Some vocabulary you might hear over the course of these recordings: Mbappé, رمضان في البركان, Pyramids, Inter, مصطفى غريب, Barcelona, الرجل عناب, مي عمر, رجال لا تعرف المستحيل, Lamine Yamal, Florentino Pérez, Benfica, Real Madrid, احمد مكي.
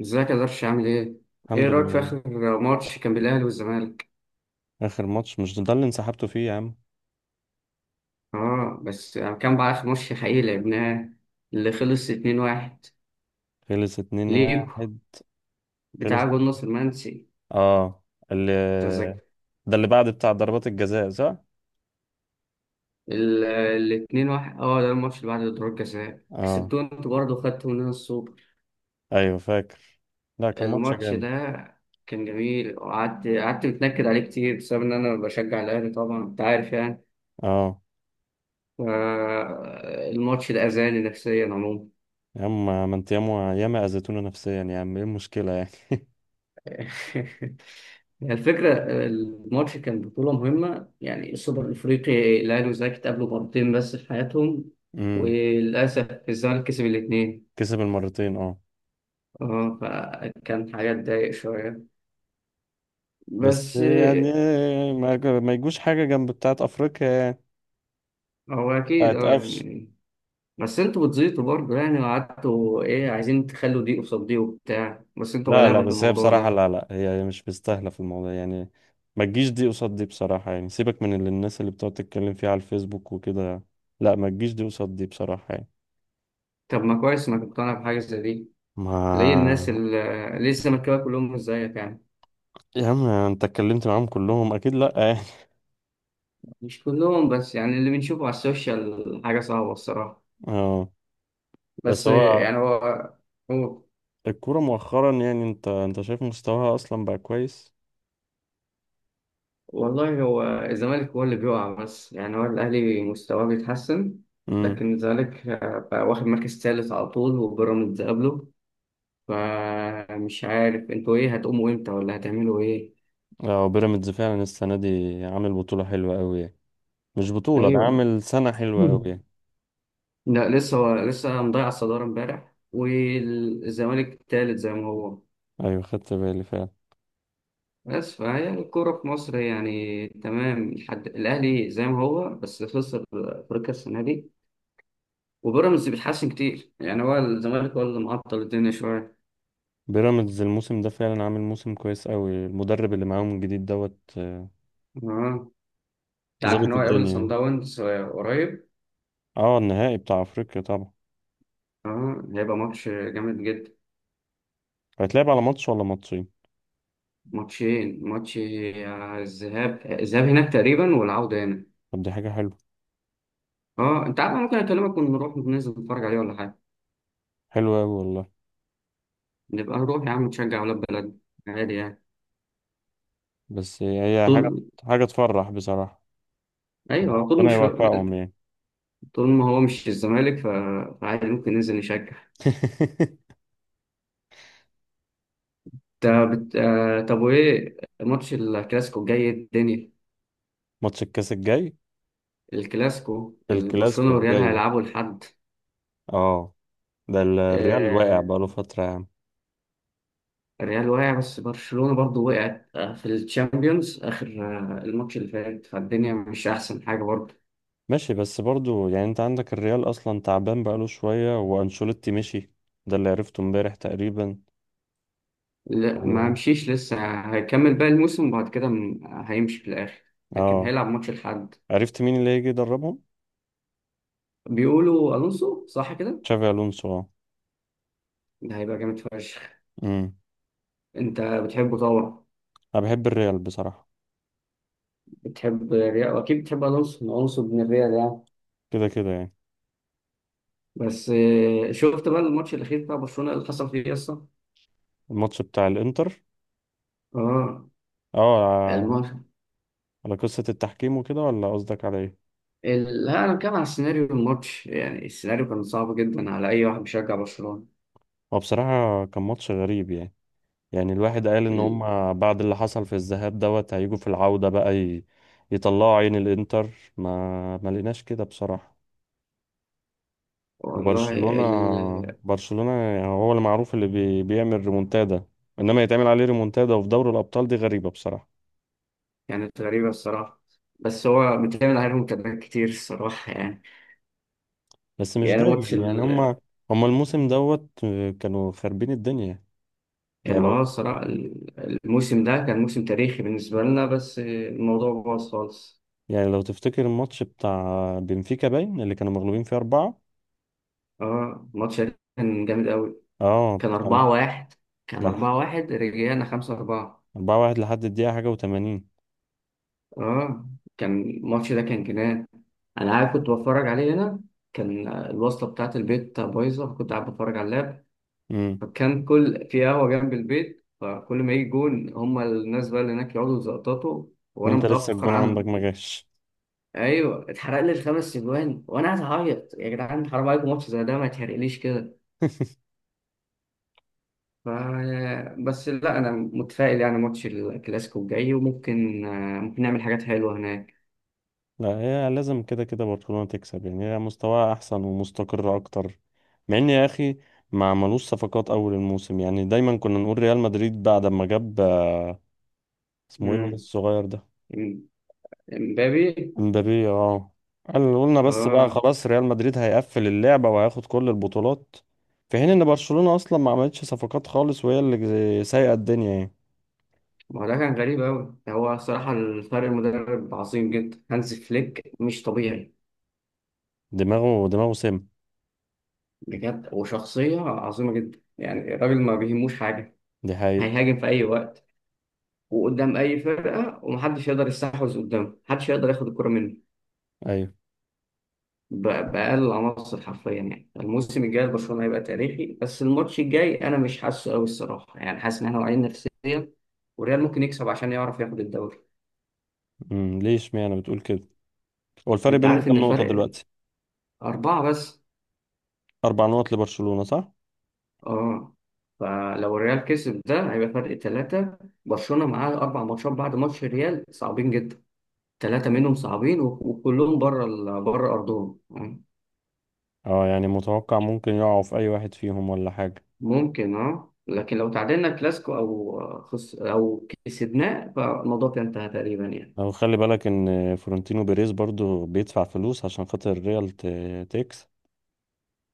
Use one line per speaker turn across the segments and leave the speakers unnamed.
ازيك يا درش، عامل ايه؟ ايه
الحمد
رأيك في
لله.
آخر ماتش كان بين الأهلي والزمالك؟
آخر ماتش مش ده اللي انسحبتوا فيه يا عم؟
اه، بس كان بقى آخر ماتش حقيقي لعبناه، اللي خلص 2-1
خلص اتنين
ليكو،
واحد خلص
بتاع جول
اتنين.
ناصر منسي،
اه. اللي
تذكر.
ده اللي بعد بتاع ضربات الجزاء، صح؟
ال ال 2-1 اه ده الماتش اللي بعد ضربات جزاء
اه،
كسبتوه انتوا برضه وخدتوا مننا السوبر.
ايوه فاكر. لا، كان ماتش
الماتش
جامد.
ده كان جميل، وقعدت قعدت متنكد عليه كتير بسبب ان انا بشجع الأهلي طبعا، انت عارف يعني.
اه.
ف- الماتش ده أذاني نفسيا عموما.
يا عم ما انت ياما ياما اذيتونا نفسيا يا عم، ايه المشكلة يعني؟
الفكرة، الماتش كان بطولة مهمة، يعني السوبر الأفريقي. الأهلي والزمالك اتقابلوا مرتين بس في حياتهم،
امم.
وللأسف الزمالك كسب الاتنين.
كسب المرتين، اه.
اه فكان حاجة تضايق شوية،
بس
بس
يعني
آه،
ما يجوش حاجة جنب بتاعت افريقيا يعني.
هو أكيد،
بتاعت
اه
قفش.
يعني. بس انتوا بتزيطوا برضه، يعني وقعدتوا ايه عايزين تخلوا دي قصاد دي وبتاع، بس انتوا
لا لا،
غلابة في
بس هي
الموضوع
بصراحة،
ده.
لا لا هي مش مستاهلة في الموضوع يعني. ما تجيش دي قصاد دي بصراحة يعني، سيبك من الناس اللي بتقعد تتكلم فيها على الفيسبوك وكده. لا، ما تجيش دي قصاد دي بصراحة يعني.
طب ما كويس انك مقتنع بحاجة زي دي. ليه الناس
ما.
اللي ليه الزملكاويه كلهم مش زيك يعني؟
يا عم انت اتكلمت معاهم كلهم اكيد؟ لا يعني.
مش كلهم، بس يعني اللي بنشوفه على السوشيال حاجة صعبة الصراحة.
اه. بس
بس
هو
يعني هو،
الكورة مؤخرا يعني، انت شايف مستواها اصلا بقى كويس.
والله هو الزمالك هو اللي بيقع، بس يعني هو الأهلي مستواه بيتحسن.
امم.
لكن الزمالك بقى واخد مركز ثالث على طول وبيراميدز قبله. فمش عارف انتوا ايه هتقوموا امتى ولا هتعملوا ايه.
اه، بيراميدز فعلا السنة دي عامل بطولة حلوة قوي يعني، مش بطولة، ده
ايوه.
عامل سنة حلوة قوي
مم.
يعني.
لا لسه، هو لسه مضيع الصدارة امبارح والزمالك الثالث زي ما هو.
ايوه خدت بالي فعلا.
بس فهي الكورة في مصر يعني تمام، لحد الأهلي زي ما هو بس خسر أفريقيا السنة دي، وبيراميدز بيتحسن كتير. يعني هو الزمالك هو اللي معطل الدنيا شوية.
بيراميدز الموسم ده فعلا عامل موسم كويس قوي، المدرب اللي معاهم الجديد دوت آه،
اه، أنت عارف إن
ظابط
هو هيقابل
الدنيا
صن
يعني.
داونز قريب؟
اه، النهائي بتاع افريقيا طبعا.
اه، هيبقى ماتش جامد جدا.
هيتلعب على ماتش ولا ماتشين؟
ماتشين، ماتش الذهاب هناك تقريبا، والعودة هنا.
طب دي حاجة حلوة.
اه، أنت عارف أنا ممكن أكلمك ونروح ننزل نتفرج عليه، ولا حاجة؟
حلوة قوي والله.
نبقى نروح يا عم نشجع ولاد بلد، عادي يعني.
بس هي حاجة
طول،
حاجة تفرح بصراحة يعني.
أيوه، طول
ربنا
مش،
يوفقهم يعني.
طول ما هو مش الزمالك فعادي ممكن ننزل نشجع. طب وايه ماتش الكلاسيكو الجاي، إيه الدنيا؟
ماتش الكاس الجاي
الكلاسيكو،
الكلاسيكو
برشلونة والريال
الجاي.
هيلعبوا لحد.
اه، ده الريال واقع
آه،
بقاله فترة يا عم.
الريال وقع، بس برشلونة برضو وقعت في الشامبيونز. آخر الماتش اللي فات، فالدنيا مش أحسن حاجة برضو.
ماشي بس برضو يعني، انت عندك الريال اصلا تعبان بقاله شوية وانشيلوتي مشي. ده اللي عرفته امبارح تقريبا.
لا، ما مشيش لسه، هيكمل باقي الموسم وبعد كده هيمشي في الآخر، لكن
اه.
هيلعب ماتش لحد.
عرفت مين اللي هيجي يدربهم؟
بيقولوا ألونسو، صح كده؟
تشافي، الونسو اه.
ده هيبقى جامد فشخ.
امم.
انت بتحبه طبعا.
انا بحب الريال بصراحه.
بتحب ريال، واكيد بتحب الونسو. الونسو ابن الريال يعني.
كده كده يعني.
بس شفت بقى الماتش الاخير بتاع برشلونه اللي حصل فيه اصلا؟
الماتش بتاع الانتر.
اه،
اه. على
الماتش.
على قصه التحكيم وكده، ولا قصدك على ايه؟
لا انا بتكلم على سيناريو الماتش، يعني السيناريو كان صعب جدا على اي واحد بيشجع برشلونه.
هو بصراحه كان ماتش غريب يعني. يعني الواحد قال ان
ال...
هم بعد اللي حصل في الذهاب هيجوا في العوده بقى يطلعوا عين الانتر. ما لقيناش كده بصراحه.
والله
وبرشلونه برشلونه يعني هو اللي معروف اللي بيعمل ريمونتادا. انما يتعمل عليه ريمونتادا، وفي دوري الابطال دي غريبه بصراحه.
كانت غريبه الصراحه، بس هو بيتعمل عليهم كلام كتير الصراحه يعني.
بس مش
يعني ماتش
دايما يعني، هما الموسم دوت آه، كانوا خاربين الدنيا. يعني
كان،
لو
اه، الصراحه الموسم ده كان موسم تاريخي بالنسبه لنا، بس الموضوع باظ خالص.
يعني لو تفتكر الماتش بتاع بنفيكا باين اللي كانوا مغلوبين فيه أربعة.
اه، الماتش ده كان جامد قوي.
اه
كان
كانوا
4-1، كان
ده لح-
4-1 رجعنا 5-4.
4-1 لحد الدقيقة حاجة وتمانين.
اه، كان الماتش ده كان جنان. أنا قاعد كنت بتفرج عليه هنا، كان الوصلة بتاعة البيت بايظة، كنت قاعد بتفرج على اللاب،
امم.
فكان كل، في قهوة جنب البيت، فكل ما يجي جون هما الناس بقى اللي هناك يقعدوا يزقططوا وأنا
وانت لسه
متأخر
الجون عندك ما
عنهم.
جاش.
أيوه اتحرق لي الخمس أجوان وأنا قاعد أعيط، يا جدعان حرام عليكم، ماتش زي ده ما يتحرقليش كده. ف- بس لا، انا متفائل يعني. ماتش الكلاسيكو الجاي، وممكن ممكن نعمل حاجات حلوه هناك.
لا، هي لازم كده كده برشلونة تكسب يعني، هي مستواها أحسن ومستقرة أكتر، مع إن يا أخي ما عملوش صفقات أول الموسم. يعني دايما كنا نقول ريال مدريد بعد ما جاب آه، اسمه إيه الواد
امم.
الصغير ده،
امبابي،
مبابي، اه. قلنا بس بقى
اه.
خلاص ريال مدريد هيقفل اللعبة وهياخد كل البطولات. في حين ان برشلونة اصلا ما عملتش صفقات خالص وهي اللي سايقة الدنيا يعني.
ما هو ده كان غريب قوي. هو صراحه الفرق، المدرب عظيم جدا، هانز فليك مش طبيعي
دماغه سم.
بجد، وشخصيه عظيمه جدا. يعني الراجل ما بيهموش حاجه،
دي حقيقة.
هيهاجم في اي وقت، وقدام اي فرقه، ومحدش يقدر يستحوذ قدامه، محدش يقدر ياخد الكره منه
ايوه.
بأقل العناصر حرفيا. يعني الموسم الجاي لبرشلونة هيبقى تاريخي، بس الماتش الجاي أنا مش حاسه أوي الصراحة، يعني حاسس إن إحنا واعيين نفسيا، والريال ممكن يكسب عشان يعرف ياخد الدوري.
امم، ليه اشمعنى بتقول كده؟ هو الفرق
أنت
بينهم
عارف إن
كام نقطة
الفرق
دلوقتي؟
أربعة بس.
4 نقط لبرشلونة، صح؟
أه. فلو الريال كسب، ده هيبقى فرق ثلاثة. برشلونة معاه أربع ماتشات بعد ماتش الريال صعبين جدا، ثلاثة منهم صعبين، وكلهم بره بره أرضهم.
اه، يعني متوقع ممكن يقعوا في اي واحد فيهم ولا حاجة.
ممكن، أه، لكن لو تعادلنا كلاسيكو أو خس أو كسبناه فالموضوع كان انتهى تقريبا يعني.
او خلي بالك ان فلورنتينو بيريز برضو بيدفع فلوس عشان خاطر ريال تكسب.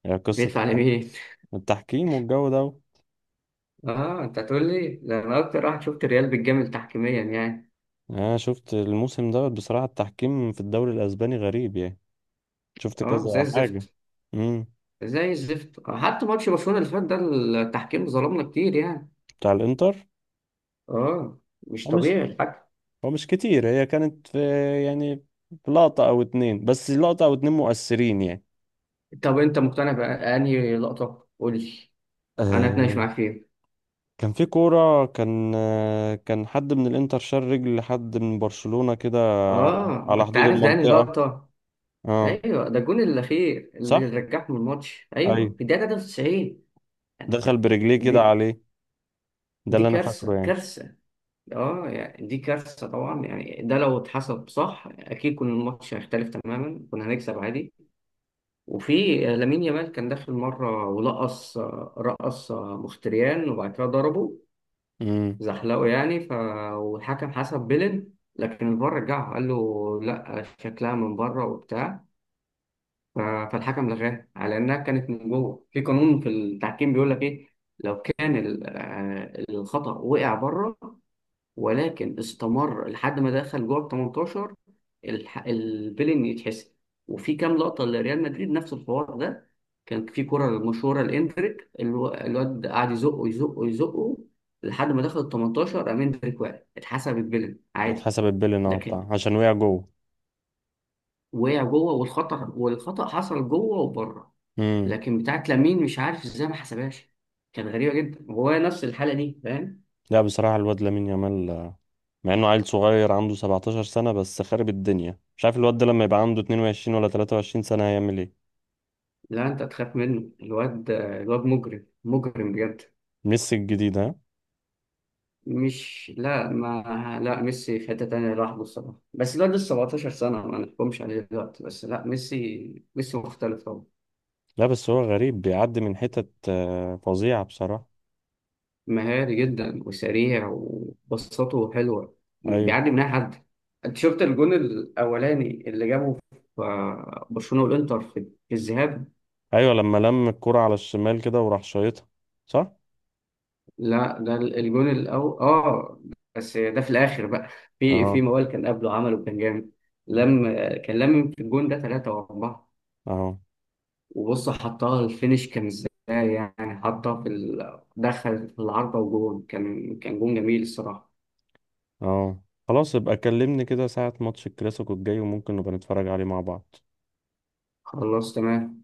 يعني قصة
بيدفع لمين؟
التحكيم والجو ده.
اه، انت هتقول لي ده، انا اكتر واحد شفت الريال بيتجامل تحكيميا يعني.
انا شفت الموسم بصراحة التحكيم في الدوري الاسباني غريب يعني، شفت
اه زي
كذا حاجة.
الزفت.
امم.
زي الزفت، حتى ماتش برشلونة اللي فات ده، التحكيم ظلمنا كتير يعني.
بتاع الانتر.
اه، مش
هو مش
طبيعي الحكم.
هو مش كتير، هي كانت في، يعني في لقطة او اتنين، بس لقطة او اتنين مؤثرين يعني.
طب انت مقتنع بأنهي لقطة؟ قول لي، انا اتناقش
آه،
معاك فيها.
كان في كورة، كان آه كان حد من الانتر شال رجل لحد من برشلونة كده. على
اه، ما
على
انت
حدود
عارف ده انهي
المنطقة.
لقطة؟
اه،
ايوه ده الجون الاخير اللي
صح.
رجعهم الماتش، ايوه
ايوه،
في الدقيقة 93.
دخل برجليه
دي
كده عليه. ده
دي
اللي انا فاكره
كارثة،
يعني.
كارثة. اه، يعني دي كارثة طبعا، يعني ده لو اتحسب صح، اكيد كنا الماتش هيختلف تماما، كنا هنكسب عادي. وفي لامين يامال كان داخل مرة ولقص، رقص، مختريان وبعد كده ضربه
امم.
زحلقه يعني ف. والحكم حسب بيلين، لكن الفار رجعه، قال له لا شكلها من بره وبتاع. فالحكم لغاها على انها كانت من جوه. في قانون في التحكيم بيقول لك ايه، لو كان الخطأ وقع بره، ولكن استمر لحد ما دخل جوه ال 18، البيلين يتحسب. وفي كام لقطه لريال مدريد نفس الحوار ده. كان في كره مشهوره لاندريك، الواد قعد يزقه يزقه يزقه لحد ما دخل ال 18، قام اندريك وقع، اتحسب البيلين عادي.
اتحسبت بيلين اه
لكن
بتاع عشان وقع جوه.
وقع جوه، والخطا حصل جوه وبره. لكن بتاعت لامين مش عارف ازاي ما حسبهاش، كانت غريبه جدا، وهو نفس الحاله دي، فاهم؟
لا، بصراحة الواد لامين يامال آه، مع انه عيل صغير عنده 17 سنة بس خارب الدنيا، مش عارف الواد ده لما يبقى عنده 22 ولا 23 سنة هيعمل ايه.
لا، انت تخاف منه، الواد، مجرم، مجرم بجد.
ميسي الجديد، ها؟
مش، لا، ما لا، ميسي في حتة تانية لوحده الصراحة، بس الواد لسه 17 سنة ما نحكمش عليه دلوقتي. بس لا ميسي، ميسي مختلف طبعا.
لا بس هو غريب بيعدي من حتت آه، فظيعة بصراحة.
مهاري جدا وسريع، وبساطته حلوة،
ايوه.
بيعدي من أي حد. أنت شفت الجون الأولاني اللي جابه في برشلونة والإنتر في الذهاب؟
ايوه، لما لم الكرة على الشمال كده وراح شايطها، صح.
لا ده الجون الأول، آه، بس ده في الآخر بقى. في
اه.
موال كان قبله عمله كان جامد. لم، كان لم في الجون ده ثلاثة وأربعة.
اه.
وبص حطها الفينش كان ازاي، يعني حطها في دخل في العارضة، وجون، كان جون جميل الصراحة.
اه. خلاص، يبقى كلمني كده ساعة ماتش الكلاسيكو الجاي وممكن نبقى نتفرج عليه مع بعض.
خلصت.